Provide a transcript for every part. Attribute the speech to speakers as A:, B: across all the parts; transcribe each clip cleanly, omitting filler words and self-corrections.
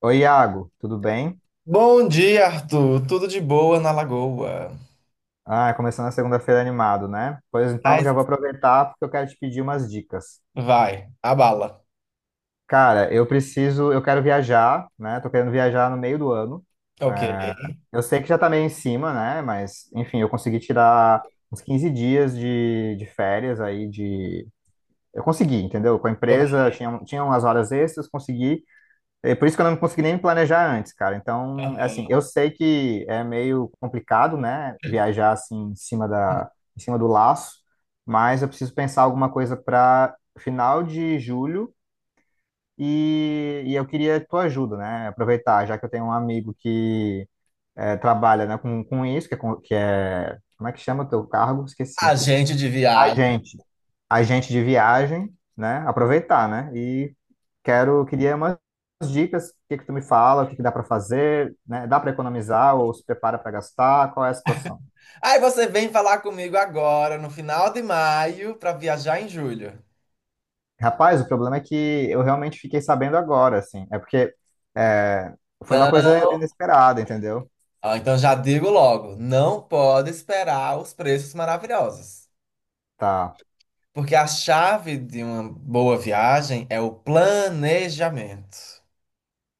A: Oi, Iago, tudo bem?
B: Bom dia, Arthur. Tudo de boa na Lagoa.
A: Ah, começando a segunda-feira animado, né? Pois então
B: Ai,
A: já vou aproveitar porque eu quero te pedir umas dicas.
B: vai, a bala.
A: Cara, eu quero viajar, né? Tô querendo viajar no meio do ano.
B: Ok,
A: É, eu sei que já tá meio em cima, né? Mas, enfim, eu consegui tirar uns 15 dias de férias aí de. Eu consegui, entendeu? Com a
B: ok.
A: empresa, tinha umas horas extras, consegui. É por isso que eu não consegui nem me planejar antes, cara. Então, é assim, eu sei que é meio complicado, né, viajar assim em cima do laço, mas eu preciso pensar alguma coisa para final de julho e eu queria tua ajuda, né? Aproveitar, já que eu tenho um amigo que é, trabalha, né, com isso, que é, com- que é, como é que chama o teu cargo? Esqueci
B: Agente de
A: a
B: viagem.
A: gente, a gente de viagem, né? Aproveitar, né? E queria umas dicas, o que que tu me fala, o que que dá para fazer, né? Dá para economizar ou se prepara para gastar? Qual é a situação?
B: Aí você vem falar comigo agora, no final de maio, para viajar em julho.
A: Rapaz, o problema é que eu realmente fiquei sabendo agora, assim. É porque é, foi uma coisa
B: Então,
A: inesperada, entendeu?
B: ó, então já digo logo, não pode esperar os preços maravilhosos.
A: Tá.
B: Porque a chave de uma boa viagem é o planejamento.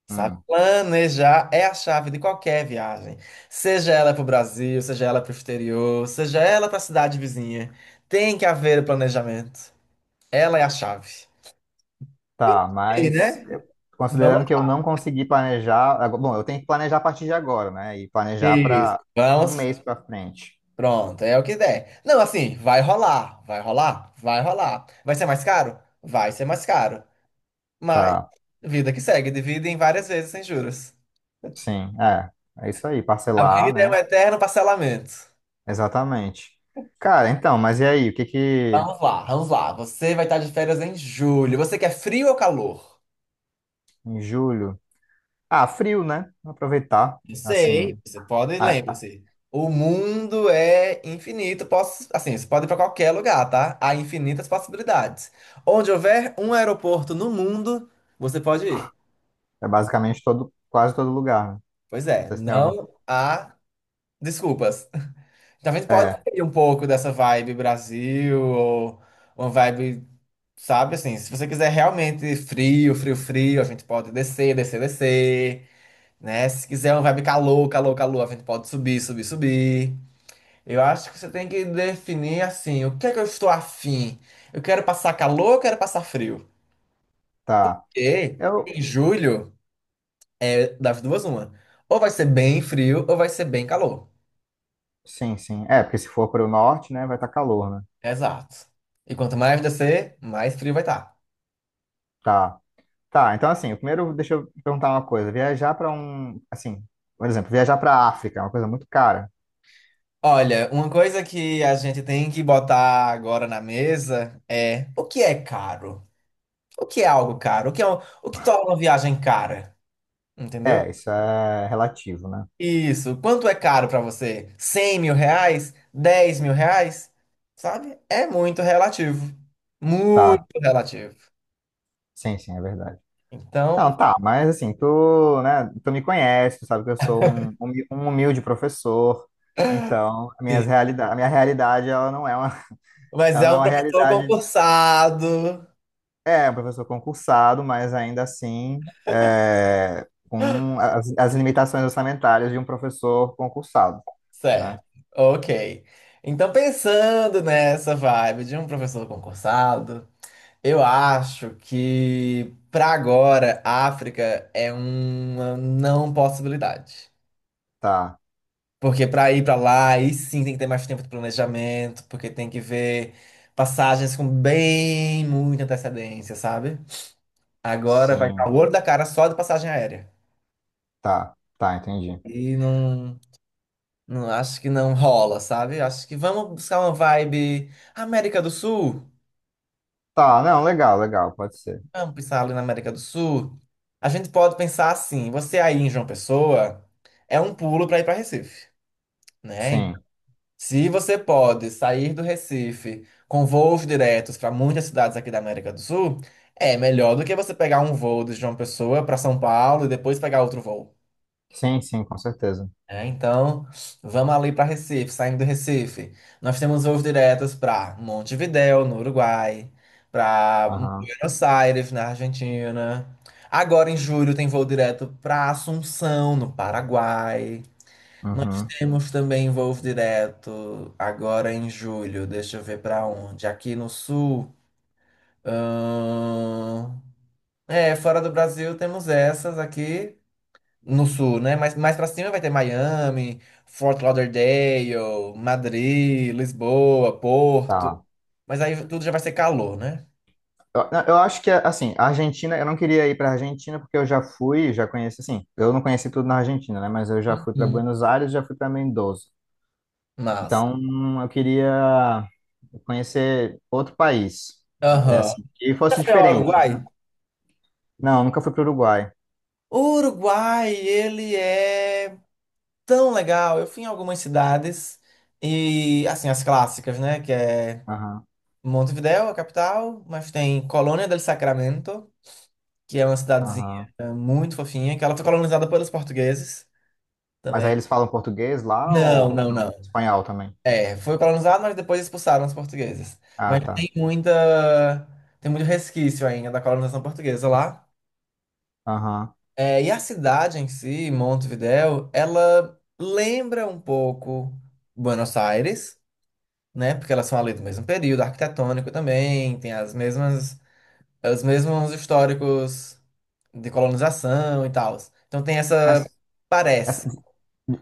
B: Sabe?
A: Hum.
B: Planejar é a chave de qualquer viagem. Seja ela para o Brasil, seja ela para o exterior, seja ela para a cidade vizinha. Tem que haver o planejamento. Ela é a chave.
A: Tá,
B: E,
A: mas
B: né?
A: eu-
B: Vamos.
A: considerando que eu não consegui planejar, agora- bom, eu tenho que planejar a partir de agora, né? E planejar
B: Isso.
A: para um
B: Vamos.
A: mês para frente.
B: Pronto, é o que der. Não, assim, vai rolar, vai rolar, vai rolar. Vai ser mais caro? Vai ser mais caro. Mas,
A: Tá.
B: vida que segue, divide em várias vezes sem juros.
A: Sim, é. É isso aí,
B: A
A: parcelar,
B: vida é um
A: né?
B: eterno parcelamento.
A: Exatamente. Cara, então, mas e aí? O que que
B: Vamos lá, vamos lá. Você vai estar de férias em julho. Você quer frio ou calor?
A: em julho? Ah, frio, né? Aproveitar,
B: Não sei,
A: assim,
B: você pode,
A: a-
B: lembre-se. O mundo é infinito. Posso, assim, você pode ir para qualquer lugar, tá? Há infinitas possibilidades. Onde houver um aeroporto no mundo, você pode ir.
A: é basicamente todo, quase todo lugar, né?
B: Pois é,
A: Vocês têm alguma?
B: não há desculpas. Então a gente pode
A: É,
B: ir um pouco dessa vibe Brasil ou uma vibe, sabe assim, se você quiser realmente frio, frio, frio, a gente pode descer, descer, descer. Né? Se quiser uma vibe calor, calor, calor, a gente pode subir, subir, subir. Eu acho que você tem que definir assim, o que é que eu estou afim? Eu quero passar calor, eu quero passar frio.
A: tá.
B: E
A: Eu,
B: em julho, é das duas, uma. Ou vai ser bem frio, ou vai ser bem calor.
A: sim, sim. É, porque se for para o norte, né, vai estar calor, né?
B: Exato. E quanto mais descer, mais frio vai estar.
A: Tá. Tá, então assim, o primeiro deixa eu perguntar uma coisa. Viajar para um, assim, por exemplo, viajar para a África é uma coisa muito cara.
B: Olha, uma coisa que a gente tem que botar agora na mesa é o que é caro? O que é algo caro? O que é o que torna uma viagem cara? Entendeu?
A: É, isso é relativo, né?
B: Isso. Quanto é caro pra você? R$ 100.000? R$ 10.000? Sabe? É muito relativo. Muito
A: Tá.
B: relativo.
A: Sim, sim, é verdade.
B: Então,
A: Não, tá, mas assim, tu, né, tu me conhece, tu sabe que eu sou um, humi- um humilde professor, então as
B: sim.
A: minhas realida a minha realidade, ela não é uma,
B: Mas
A: ela
B: é
A: não é
B: um
A: uma
B: professor
A: realidade,
B: concursado.
A: é, um professor concursado, mas ainda assim, é, as limitações orçamentárias de um professor concursado, né?
B: Certo. Ok. Então, pensando nessa vibe de um professor concursado, eu acho que pra agora, África é uma não possibilidade.
A: Tá,
B: Porque para ir para lá, aí sim tem que ter mais tempo de planejamento, porque tem que ver passagens com bem muita antecedência, sabe? Agora vai estar
A: sim,
B: o olho da cara só de passagem aérea.
A: tá, tá, entendi.
B: E não, não acho que não rola, sabe? Acho que vamos buscar uma vibe América do Sul.
A: Tá, não, legal, legal, pode ser.
B: Vamos pensar ali na América do Sul. A gente pode pensar assim, você aí em João Pessoa é um pulo para ir para Recife, né?
A: Sim,
B: Se você pode sair do Recife com voos diretos para muitas cidades aqui da América do Sul, é melhor do que você pegar um voo de João Pessoa para São Paulo e depois pegar outro voo.
A: sim, sim, com certeza.
B: É, então, vamos ali para Recife, saindo do Recife. Nós temos voos diretos para Montevidéu, no Uruguai, para
A: Aham,
B: Buenos Aires, na Argentina. Agora, em julho, tem voo direto para Assunção, no Paraguai. Nós
A: uhum,
B: temos também voo direto agora em julho. Deixa eu ver para onde. Aqui no sul. ahn, É, fora do Brasil temos essas aqui no sul, né? Mas mais para cima vai ter Miami, Fort Lauderdale, Madrid, Lisboa, Porto.
A: tá.
B: Mas aí tudo já vai ser calor, né?
A: Eu, não, eu acho que, assim, a Argentina, eu não queria ir para a Argentina porque eu já fui, já conheci, assim, eu não conheci tudo na Argentina, né? Mas eu já fui para
B: Uhum.
A: Buenos Aires, já fui para Mendoza.
B: Massa.
A: Então, eu queria conhecer outro país, é
B: Aham.
A: assim, que fosse
B: Qual é o
A: diferente, né?
B: Uruguai?
A: Não, eu nunca fui para o Uruguai.
B: O Uruguai, ele é tão legal. Eu fui em algumas cidades e, assim, as clássicas, né? Que é
A: Aham,
B: Montevidéu, a capital, mas tem Colônia del Sacramento, que é uma cidadezinha
A: aham.
B: muito fofinha, que ela foi colonizada pelos portugueses
A: Mas aí
B: também.
A: eles falam português lá
B: Não,
A: ou
B: não,
A: não?
B: não.
A: Espanhol também.
B: É, foi colonizada, mas depois expulsaram os portugueses.
A: Ah,
B: Mas
A: tá.
B: tem muito resquício ainda da colonização portuguesa lá.
A: Aham.
B: É, e a cidade em si, Montevidéu, ela lembra um pouco Buenos Aires. Né? Porque elas são ali do mesmo período arquitetônico também, tem as mesmas, os mesmos históricos de colonização e tal. Então tem essa,
A: Mas
B: parece,
A: essa-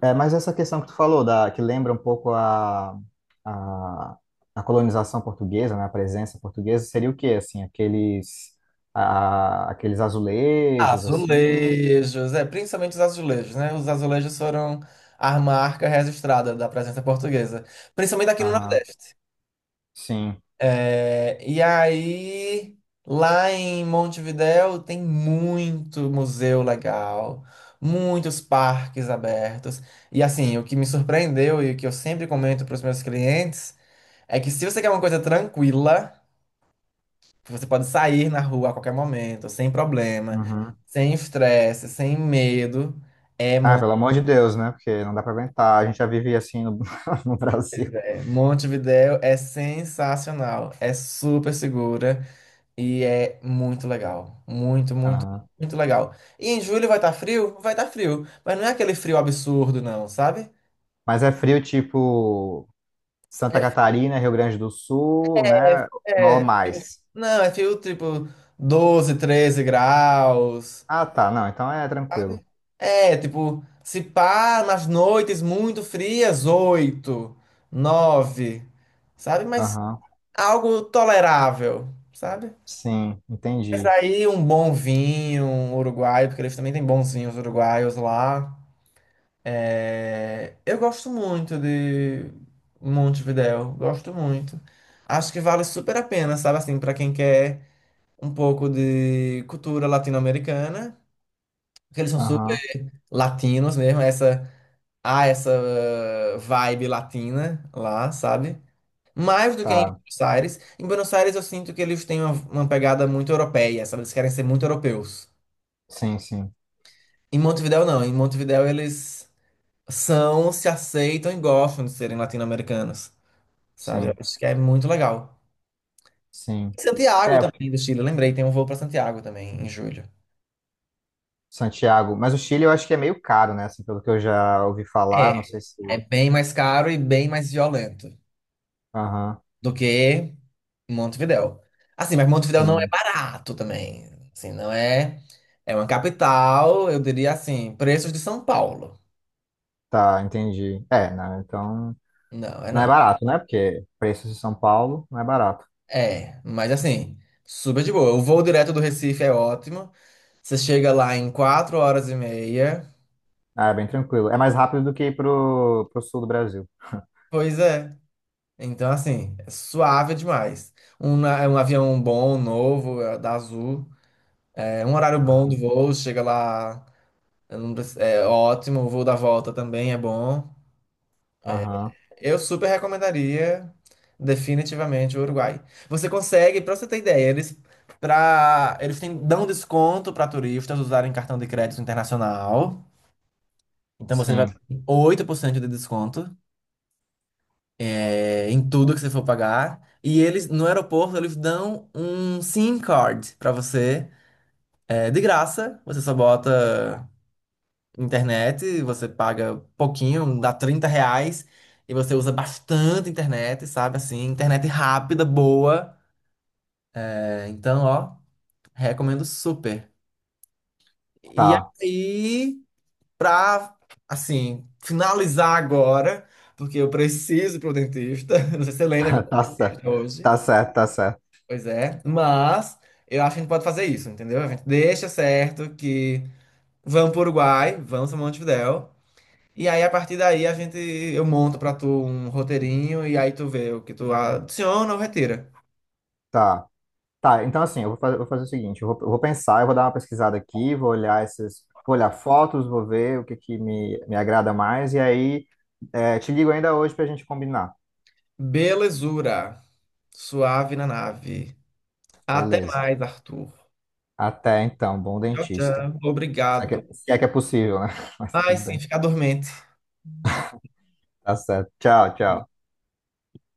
A: É, mas essa questão que tu falou, da, que lembra um pouco a, a colonização portuguesa, né, a presença portuguesa, seria o quê? Assim, aqueles, aqueles azulejos, assim?
B: azulejos, é, principalmente os azulejos, né? Os azulejos foram a marca registrada da presença portuguesa, principalmente aqui no
A: Aham,
B: Nordeste.
A: sim.
B: É, e aí, lá em Montevidéu tem muito museu legal, muitos parques abertos. E assim, o que me surpreendeu e o que eu sempre comento para os meus clientes é que se você quer uma coisa tranquila, que você pode sair na rua a qualquer momento, sem problema,
A: Uhum.
B: sem estresse, sem medo, é
A: Ah,
B: Mon-
A: pelo amor de Deus, né? Porque não dá para aguentar. A gente já vive assim no Brasil.
B: é Montevidéu é sensacional, é super segura. E é muito legal. Muito, muito,
A: Aham.
B: muito legal. E em julho vai estar frio? Vai estar frio. Mas não é aquele frio absurdo, não, sabe?
A: Mas é frio tipo Santa Catarina, Rio Grande do Sul, né? Ou
B: É.
A: mais.
B: Não, é frio tipo 12, 13 graus.
A: Ah, tá. Não, então é
B: Sabe?
A: tranquilo.
B: É, tipo, se pá, nas noites muito frias, 8 9 sabe? Mas
A: Aham,
B: algo tolerável, sabe?
A: sim,
B: Mas
A: entendi.
B: aí um bom vinho um uruguaio, porque eles também têm bons vinhos uruguaios lá. É, eu gosto muito de Montevidéu, gosto muito. Acho que vale super a pena, sabe assim, para quem quer um pouco de cultura latino-americana, porque eles são super
A: Aham.
B: latinos mesmo, essa há essa vibe latina lá, sabe? Mais do que em
A: Tá,
B: Buenos Aires. Em Buenos Aires eu sinto que eles têm uma pegada muito europeia, sabe? Eles querem ser muito europeus.
A: sim, sim,
B: Em Montevidéu não, em Montevidéu eles são, se aceitam e gostam de serem latino-americanos. Sabe? Eu
A: sim,
B: acho que é muito legal.
A: sim.
B: Santiago
A: É,
B: também, do Chile, eu lembrei, tem um voo para Santiago também, em julho.
A: Santiago. Mas o Chile eu acho que é meio caro, né? Assim, pelo que eu já ouvi
B: É,
A: falar, não sei se.
B: é bem mais caro e bem mais violento
A: Aham,
B: do que Montevidéu. Assim, mas Montevidéu não é
A: sim.
B: barato também. Assim, não é. É uma capital, eu diria assim, preços de São Paulo.
A: Tá, entendi. É, né? Então,
B: Não, é
A: não é
B: não.
A: barato, né? Porque preços de São Paulo não é barato.
B: É, mas assim, super de boa. O voo direto do Recife é ótimo. Você chega lá em quatro horas e meia.
A: Ah, é bem tranquilo. É mais rápido do que ir pro sul do Brasil.
B: Pois é. Então, assim, é suave demais. É um avião bom, novo, é da Azul. É um horário bom do voo, chega lá, eu não preci- é ótimo. O voo da volta também é bom.
A: Aham,
B: Eu super recomendaria, definitivamente, o Uruguai. Você consegue, pra você ter ideia, eles, eles têm, dão desconto para turistas usarem cartão de crédito internacional. Então, você vai
A: sim.
B: ter 8% de desconto, é, em tudo que você for pagar. E eles, no aeroporto, eles dão um SIM card pra você, é, de graça. Você só bota internet, você paga pouquinho, dá R$ 30. E você usa bastante internet, sabe? Assim, internet rápida, boa. É, então, ó, recomendo super. E
A: Tá,
B: aí, pra, assim, finalizar agora, porque eu preciso ir pro dentista. Não sei se você lembra que eu fui
A: tá
B: pro
A: certo.
B: dentista hoje.
A: Tá certo.
B: Pois é, mas eu acho que a gente pode fazer isso, entendeu? A gente deixa certo que vamos pro Uruguai, vamos para Montevidéu, e aí a partir daí a gente eu monto pra tu um roteirinho e aí tu vê o que tu adiciona ou retira.
A: Tá. Tá, então assim, vou fazer o seguinte, eu vou pensar, eu vou dar uma pesquisada aqui, vou olhar esses, vou olhar fotos, vou ver o que que me agrada mais, e aí é, te ligo ainda hoje pra gente combinar.
B: Belezura, suave na nave. Até
A: Beleza.
B: mais, Arthur.
A: Até então, bom
B: Tchau,
A: dentista.
B: tchau. Obrigado.
A: Se é que é possível, né? Mas
B: Ai,
A: tudo
B: sim,
A: bem.
B: fica dormente.
A: Tá certo. Tchau, tchau.